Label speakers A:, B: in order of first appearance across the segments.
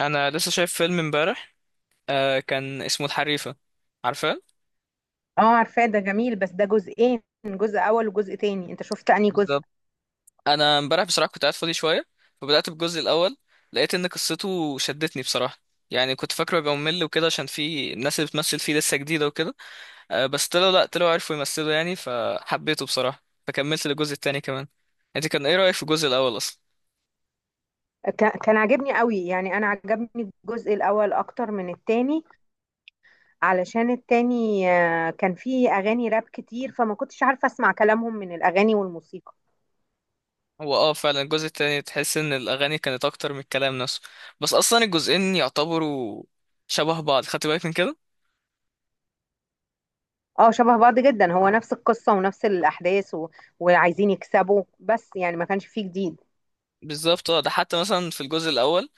A: انا لسه شايف فيلم امبارح. آه، كان اسمه الحريفه. عارفاه؟
B: اه، عارفاه. ده جميل، بس ده جزئين، جزء اول وجزء تاني. انت شفت انهي جزء؟
A: بالظبط. انا امبارح بصراحه كنت قاعد فاضي شويه، فبدات بالجزء الاول. لقيت ان قصته شدتني بصراحه. يعني كنت فاكره يبقى ممل وكده، عشان في الناس اللي بتمثل فيه لسه جديده وكده. آه بس طلعوا، لا طلعوا عرفوا يمثلوا يعني، فحبيته بصراحه فكملت للجزء التاني كمان. انت كان ايه رايك في الجزء الاول اصلا؟
B: كان عاجبني قوي، يعني انا عجبني الجزء الاول اكتر من التاني. علشان التاني كان فيه اغاني راب كتير، فما كنتش عارفه اسمع كلامهم من الاغاني والموسيقى.
A: هو فعلا الجزء التاني تحس ان الاغاني كانت اكتر من الكلام نفسه. بس اصلا الجزئين يعتبروا شبه بعض. خدت بالك من كده؟
B: اه، شبه بعض جدا. هو نفس القصه ونفس الاحداث، وعايزين يكسبوا، بس يعني ما كانش فيه جديد.
A: بالظبط. اه، ده حتى مثلا في الجزء الاول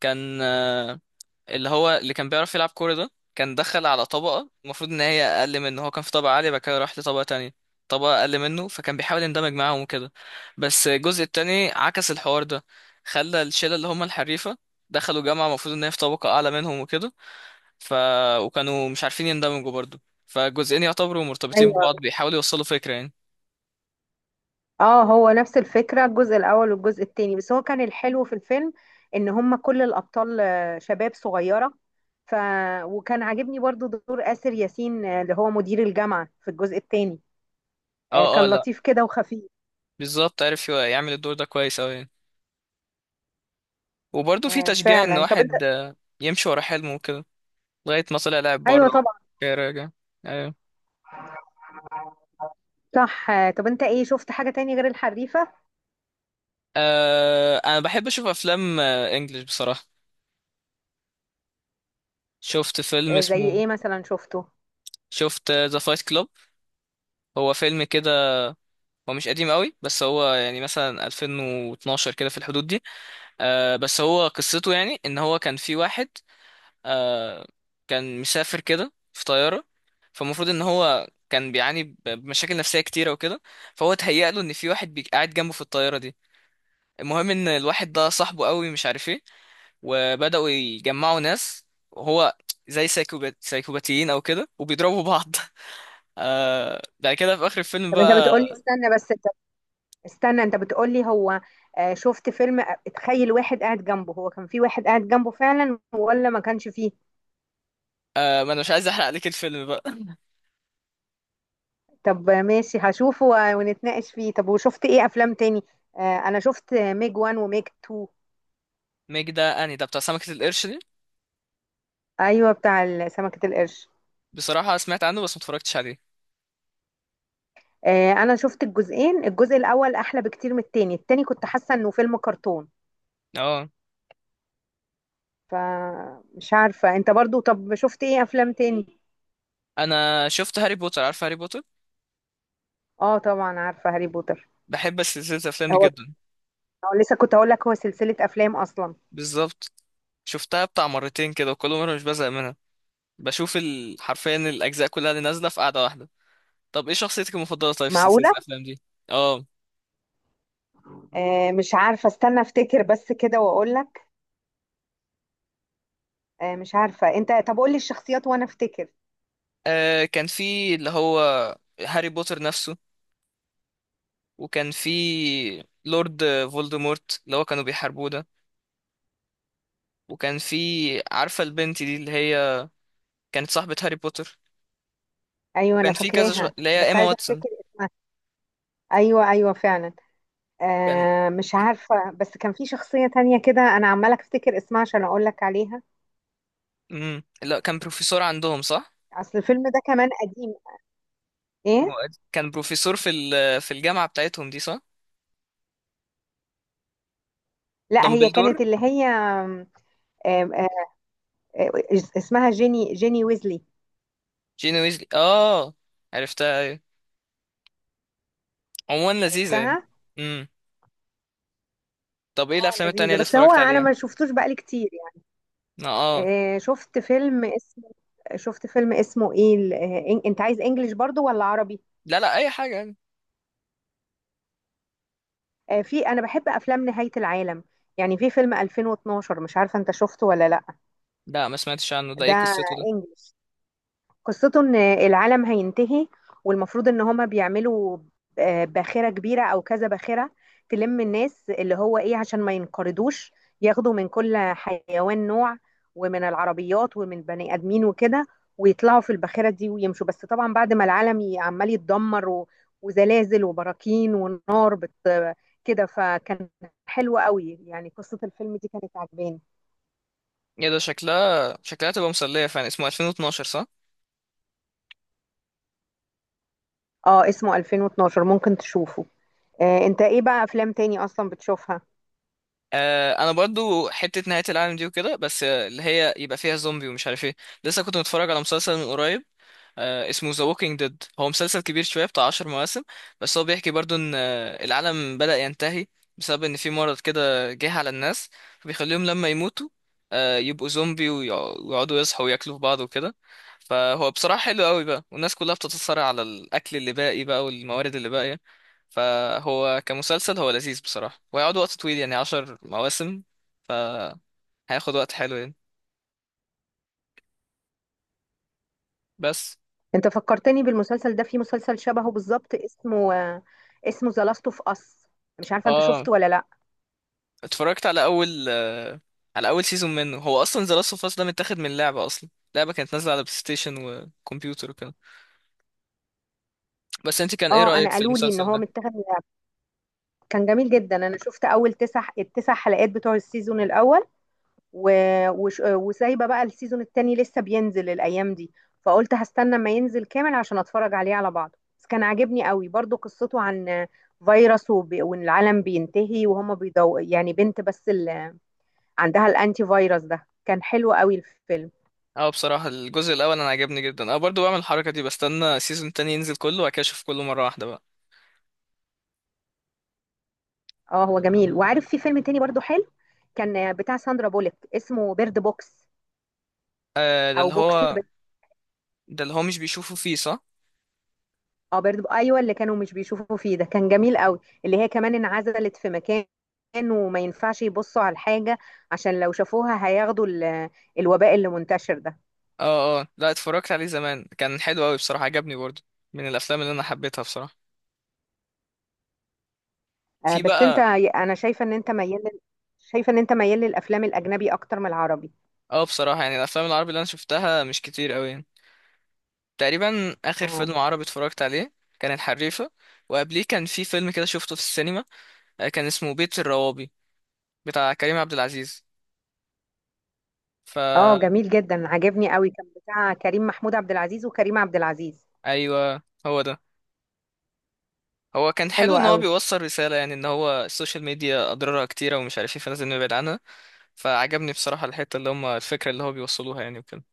A: كان آه، اللي هو اللي كان بيعرف يلعب كوره ده، كان دخل على طبقه المفروض ان هي اقل منه. هو كان في طبقه عاليه، بعد كده راح لطبقه تانية، طبقه اقل منه، فكان بيحاول يندمج معاهم وكده. بس الجزء التاني عكس الحوار ده، خلى الشله اللي هم الحريفه دخلوا جامعه المفروض ان هي في طبقه اعلى منهم وكده. ف وكانوا مش عارفين يندمجوا برضه. فالجزئين يعتبروا مرتبطين
B: ايوه،
A: ببعض، بيحاولوا يوصلوا فكره يعني.
B: اه، هو نفس الفكرة الجزء الأول والجزء التاني، بس هو كان الحلو في الفيلم إن هم كل الأبطال شباب صغيرة. ف وكان عاجبني برضو دور آسر ياسين، اللي هو مدير الجامعة في الجزء التاني.
A: اه، اه،
B: كان
A: لا.
B: لطيف كده وخفيف.
A: بالظبط، عارف يعمل الدور ده كويس اوي يعني. وبرضه في تشجيع ان
B: فعلا. طب انت
A: واحد يمشي ورا حلمه وكده. لغايه ما طلع لاعب
B: ايوه
A: بره.
B: طبعا
A: راجع. ايوه.
B: صح. طب انت ايه شفت حاجة تاني غير الحريفة؟
A: انا بحب اشوف افلام انجلش بصراحه. شفت فيلم
B: زي
A: اسمه
B: ايه مثلا شفته؟
A: شفت ذا فايت كلوب. هو فيلم كده. هو مش قديم قوي بس هو يعني مثلا 2012 كده في الحدود دي. بس هو قصته يعني ان هو كان في واحد آه كان مسافر كده في طيارة. فالمفروض ان هو كان بيعاني بمشاكل نفسية كتيرة وكده. فهو اتهيأ له ان في واحد قاعد جنبه في الطيارة دي. المهم ان الواحد ده صاحبه قوي مش عارف ايه. وبدأوا يجمعوا ناس، وهو زي سايكوبات سايكوباتيين او كده وبيضربوا بعض بعد كده في اخر الفيلم
B: طب انت
A: بقى.
B: بتقولي استنى بس. استنى، انت بتقولي هو شفت فيلم اتخيل واحد قاعد جنبه. هو كان في واحد قاعد جنبه فعلا ولا ما كانش فيه؟
A: ما انا مش عايز احرق عليك الفيلم بقى
B: طب ماشي، هشوفه ونتناقش فيه. طب وشفت ايه افلام تاني؟ انا شفت ميج وان وميج تو.
A: ميج ده اني ده بتاع سمكة القرش دي؟
B: ايوه، بتاع سمكة القرش.
A: بصراحة سمعت عنه بس ما اتفرجتش عليه.
B: انا شفت الجزئين. الجزء الاول احلى بكتير من التاني. التاني كنت حاسة انه فيلم كرتون.
A: اه،
B: فمش عارفة. انت برضو طب شفت ايه افلام تاني؟
A: انا شفت هاري بوتر. عارف هاري بوتر؟
B: اه، طبعا عارفة هاري بوتر.
A: بحب سلسلة الأفلام دي
B: هو
A: جدا.
B: هو لسه كنت هقول لك، هو سلسلة افلام اصلا.
A: بالظبط. شفتها بتاع مرتين كده وكل مرة مش بزهق منها. بشوف حرفيا الأجزاء كلها اللي نازلة في قعدة واحدة. طب إيه شخصيتك المفضلة طيب في سلسلة
B: معقولة؟
A: الأفلام دي؟ آه
B: مش عارفة، استنى افتكر بس كده واقول لك. مش عارفة. انت طب قول لي الشخصيات وانا افتكر.
A: كان في اللي هو هاري بوتر نفسه. وكان في لورد فولدمورت اللي هو كانوا بيحاربوه ده. وكان في، عارفة البنت دي اللي هي كانت صاحبة هاري بوتر؟
B: ايوه، انا
A: وكان في كذا
B: فاكراها،
A: اللي هي
B: بس
A: إيما
B: عايزة
A: واتسون.
B: افتكر اسمها. ايوه، ايوه، فعلا.
A: كان
B: مش عارفة، بس كان في شخصية تانية كده انا عمالة افتكر اسمها عشان اقول لك عليها.
A: مم. لا، كان بروفيسور عندهم، صح؟
B: اصل الفيلم ده كمان قديم.
A: هو
B: ايه؟
A: كان بروفيسور في الجامعة بتاعتهم دي، صح؟
B: لا، هي
A: دامبلدور.
B: كانت اللي هي آم، آم، آه، اسمها جيني ويزلي.
A: جين ويزلي، اه. عرفتها، ايوه. عموما لذيذة يعني.
B: عرفتها.
A: امم طب ايه
B: اه،
A: الافلام التانية
B: لذيذة،
A: اللي
B: بس هو
A: اتفرجت
B: انا
A: عليها؟
B: ما شفتوش بقالي كتير يعني.
A: اه،
B: آه، شفت فيلم شفت فيلم اسمه ايه انت عايز انجليش برضو ولا عربي؟
A: لا لا، اي حاجة يعني.
B: في انا بحب افلام نهاية العالم. يعني في فيلم 2012، مش عارفة انت شفته ولا لا.
A: لا، ما سمعتش عنه. ده ايه
B: ده
A: قصته ده؟
B: انجليش. قصته ان العالم هينتهي، والمفروض ان هما بيعملوا باخرة كبيرة او كذا باخرة، تلم الناس اللي هو ايه عشان ما ينقرضوش. ياخدوا من كل حيوان نوع، ومن العربيات ومن البني ادمين وكده. ويطلعوا في الباخرة دي ويمشوا، بس طبعا بعد ما العالم عمال يتدمر، وزلازل وبراكين ونار كده. فكان حلو قوي، يعني قصة الفيلم دي كانت عجباني.
A: ايه ده؟ شكلها تبقى مسلية فعلا. اسمه 2012، صح؟
B: اه، اسمه 2012، ممكن تشوفه. انت ايه بقى افلام تاني اصلا بتشوفها؟
A: انا برضو حتة نهاية العالم دي وكده، بس اللي هي يبقى فيها زومبي ومش عارف ايه. لسه كنت متفرج على مسلسل من قريب. اسمه ذا ووكينج ديد. هو مسلسل كبير شوية بتاع 10 مواسم. بس هو بيحكي برضو ان العالم بدأ ينتهي، بسبب ان في مرض كده جه على الناس. فبيخليهم لما يموتوا يبقوا زومبي، ويقعدوا يصحوا وياكلوا في بعض وكده. فهو بصراحة حلو قوي بقى، والناس كلها بتتصارع على الأكل اللي باقي بقى والموارد اللي باقية. فهو كمسلسل هو لذيذ بصراحة، وهيقعد وقت طويل يعني 10 مواسم. فهياخد وقت حلو يعني. بس.
B: انت فكرتني بالمسلسل ده، في مسلسل شبهه بالظبط، اسمه ذا لاست اوف اس. مش عارفه انت
A: اه،
B: شفته ولا لا؟
A: اتفرجت على اول آه، على اول سيزون منه. هو اصلا ذا لاست اوف اس ده متاخد من لعبه اصلا. لعبه كانت نازله على بلاي ستيشن وكمبيوتر وكده. بس انت كان ايه
B: اه، انا
A: رايك في
B: قالوا لي ان
A: المسلسل
B: هو
A: ده؟
B: متاخد من لعبة. كان جميل جدا. انا شفت اول تسع التسع حلقات بتوع السيزون الاول، و... وسايبه بقى السيزون التاني لسه بينزل الايام دي. فقلت هستنى ما ينزل كامل عشان اتفرج عليه على بعضه، بس كان عاجبني قوي برضو. قصته عن فيروس، وان العالم بينتهي وهما بيدو يعني بنت بس اللي عندها الانتي فيروس. ده كان حلو قوي الفيلم.
A: اه، بصراحه الجزء الاول انا عجبني جدا. انا برضو بعمل الحركه دي، بستنى سيزون تاني ينزل كله وبعد كده اشوف كله مره واحده بقى.
B: اه، هو جميل. وعارف في فيلم تاني برضو حلو، كان بتاع ساندرا بوليك، اسمه بيرد بوكس
A: آه ده
B: او
A: اللي
B: بوكس
A: هو
B: بيرد.
A: ده اللي هو مش بيشوفه فيه، صح؟
B: اه، بيرد بوكس، ايوه، اللي كانوا مش بيشوفوا فيه ده. كان جميل قوي، اللي هي كمان انعزلت في مكان، وما ينفعش يبصوا على الحاجة عشان لو شافوها هياخدوا الوباء اللي منتشر ده.
A: اه، اه، لا، اتفرجت عليه زمان. كان حلو قوي بصراحه، عجبني برضو. من الافلام اللي انا حبيتها بصراحه.
B: آه،
A: في
B: بس انت
A: بقى.
B: انا شايفة ان انت ميال شايفة ان انت ميال للافلام الاجنبي اكتر من العربي.
A: اه، بصراحه يعني الافلام العربي اللي انا شفتها مش كتير قوي. تقريبا اخر فيلم
B: اه،
A: عربي اتفرجت عليه كان الحريفه. وقبليه كان في فيلم كده شفته في السينما، كان اسمه بيت الروابي بتاع كريم عبد العزيز.
B: اه،
A: فا
B: جميل جدا، عجبني قوي. كان بتاع كريم محمود عبد العزيز وكريم عبد العزيز.
A: ايوه، هو ده. هو كان حلو ان
B: حلوة
A: هو
B: قوي.
A: بيوصل رساله يعني، ان هو السوشيال ميديا اضرارها كتيره ومش عارف ايه، فلازم نبعد عنها. فعجبني بصراحه الحته اللي هم الفكره اللي هو بيوصلوها يعني وكده.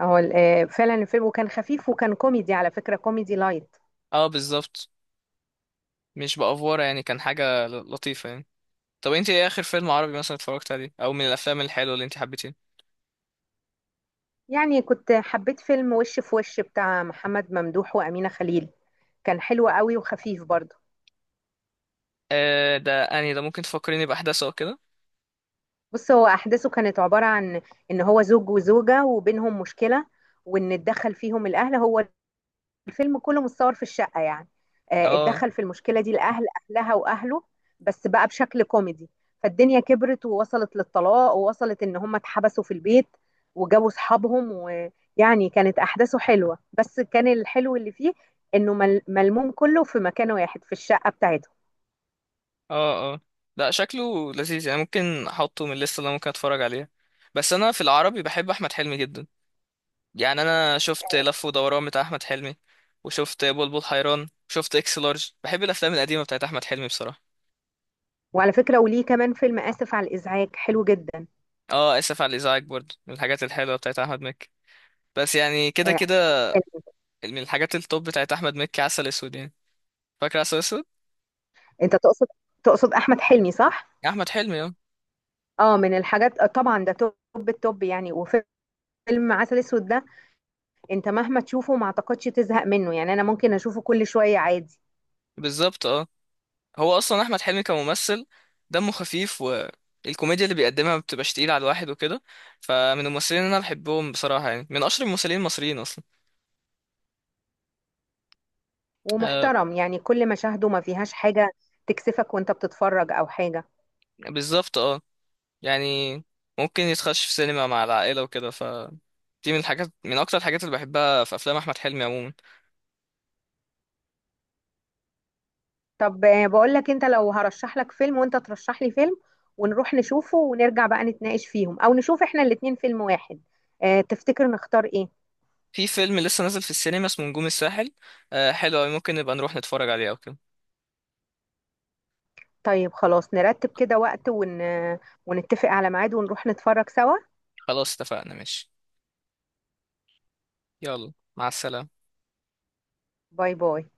B: هو فعلا الفيلم، وكان خفيف وكان كوميدي، على فكرة كوميدي لايت.
A: اه، بالظبط. مش بافوره يعني. كان حاجه لطيفه يعني. طب انت ايه اخر فيلم عربي مثلا اتفرجت عليه، او من الافلام الحلوه اللي انت حبيتيه؟
B: يعني كنت حبيت فيلم وش في وش بتاع محمد ممدوح وأمينة خليل. كان حلو قوي وخفيف برضه.
A: آه، ده اني ده؟ ممكن تفكريني باحداثه او كده؟
B: بص، هو أحداثه كانت عبارة عن إن هو زوج وزوجة وبينهم مشكلة، وإن اتدخل فيهم الأهل. هو الفيلم كله متصور في الشقة يعني.
A: اه،
B: اتدخل في المشكلة دي الأهل، أهلها وأهله، بس بقى بشكل كوميدي. فالدنيا كبرت، ووصلت للطلاق، ووصلت إن هم اتحبسوا في البيت، وجابوا صحابهم. ويعني كانت أحداثه حلوة، بس كان الحلو اللي فيه إنه ملموم كله في مكان واحد في الشقة بتاعتهم.
A: اه. اه لا، شكله لذيذ يعني، ممكن احطه من الليسته اللي انا ممكن اتفرج عليها. بس انا في العربي بحب احمد حلمي جدا. يعني انا شفت لف ودوران بتاع احمد حلمي، وشفت بلبل حيران وشفت اكس لارج. بحب الافلام القديمه بتاعت احمد حلمي بصراحه.
B: وعلى فكرة وليه كمان فيلم آسف على الإزعاج حلو جدا.
A: اه، اسف على الازعاج برضه من الحاجات الحلوه بتاعت احمد مكي. بس يعني كده
B: آه،
A: كده.
B: حلو.
A: من الحاجات التوب بتاعت احمد مكي عسل اسود يعني. فاكر عسل اسود؟
B: أنت تقصد، أحمد حلمي صح؟
A: احمد حلمي، اه.
B: اه، من الحاجات طبعا ده توب التوب، يعني. وفيلم عسل اسود ده، انت مهما تشوفه ما اعتقدش تزهق منه، يعني انا ممكن اشوفه كل شوية عادي.
A: بالظبط، اه. هو اصلا احمد حلمي كممثل دمه خفيف، والكوميديا اللي بيقدمها ما بتبقاش تقيله على الواحد وكده. فمن الممثلين اللي انا بحبهم بصراحه يعني، من اشهر الممثلين المصريين اصلا. آه.
B: ومحترم، يعني كل مشاهده ما فيهاش حاجة تكسفك وانت بتتفرج او حاجة.
A: بالظبط، اه. يعني ممكن يتخش في سينما مع العائله وكده، فدي من اكتر الحاجات اللي بحبها في افلام احمد حلمي عموما.
B: طب بقول لك، انت لو هرشح لك فيلم وانت ترشح لي فيلم ونروح نشوفه ونرجع بقى نتناقش فيهم، او نشوف احنا الاتنين فيلم واحد. اه، تفتكر نختار ايه؟
A: في فيلم لسه نازل في السينما اسمه نجوم الساحل. حلو أوي، ممكن نبقى نروح نتفرج عليه او كده.
B: طيب خلاص، نرتب كده وقت ون... آه، ونتفق على ميعاد ونروح نتفرج سوا.
A: خلاص اتفقنا، ماشي. يلا، مع السلامه.
B: باي، باي.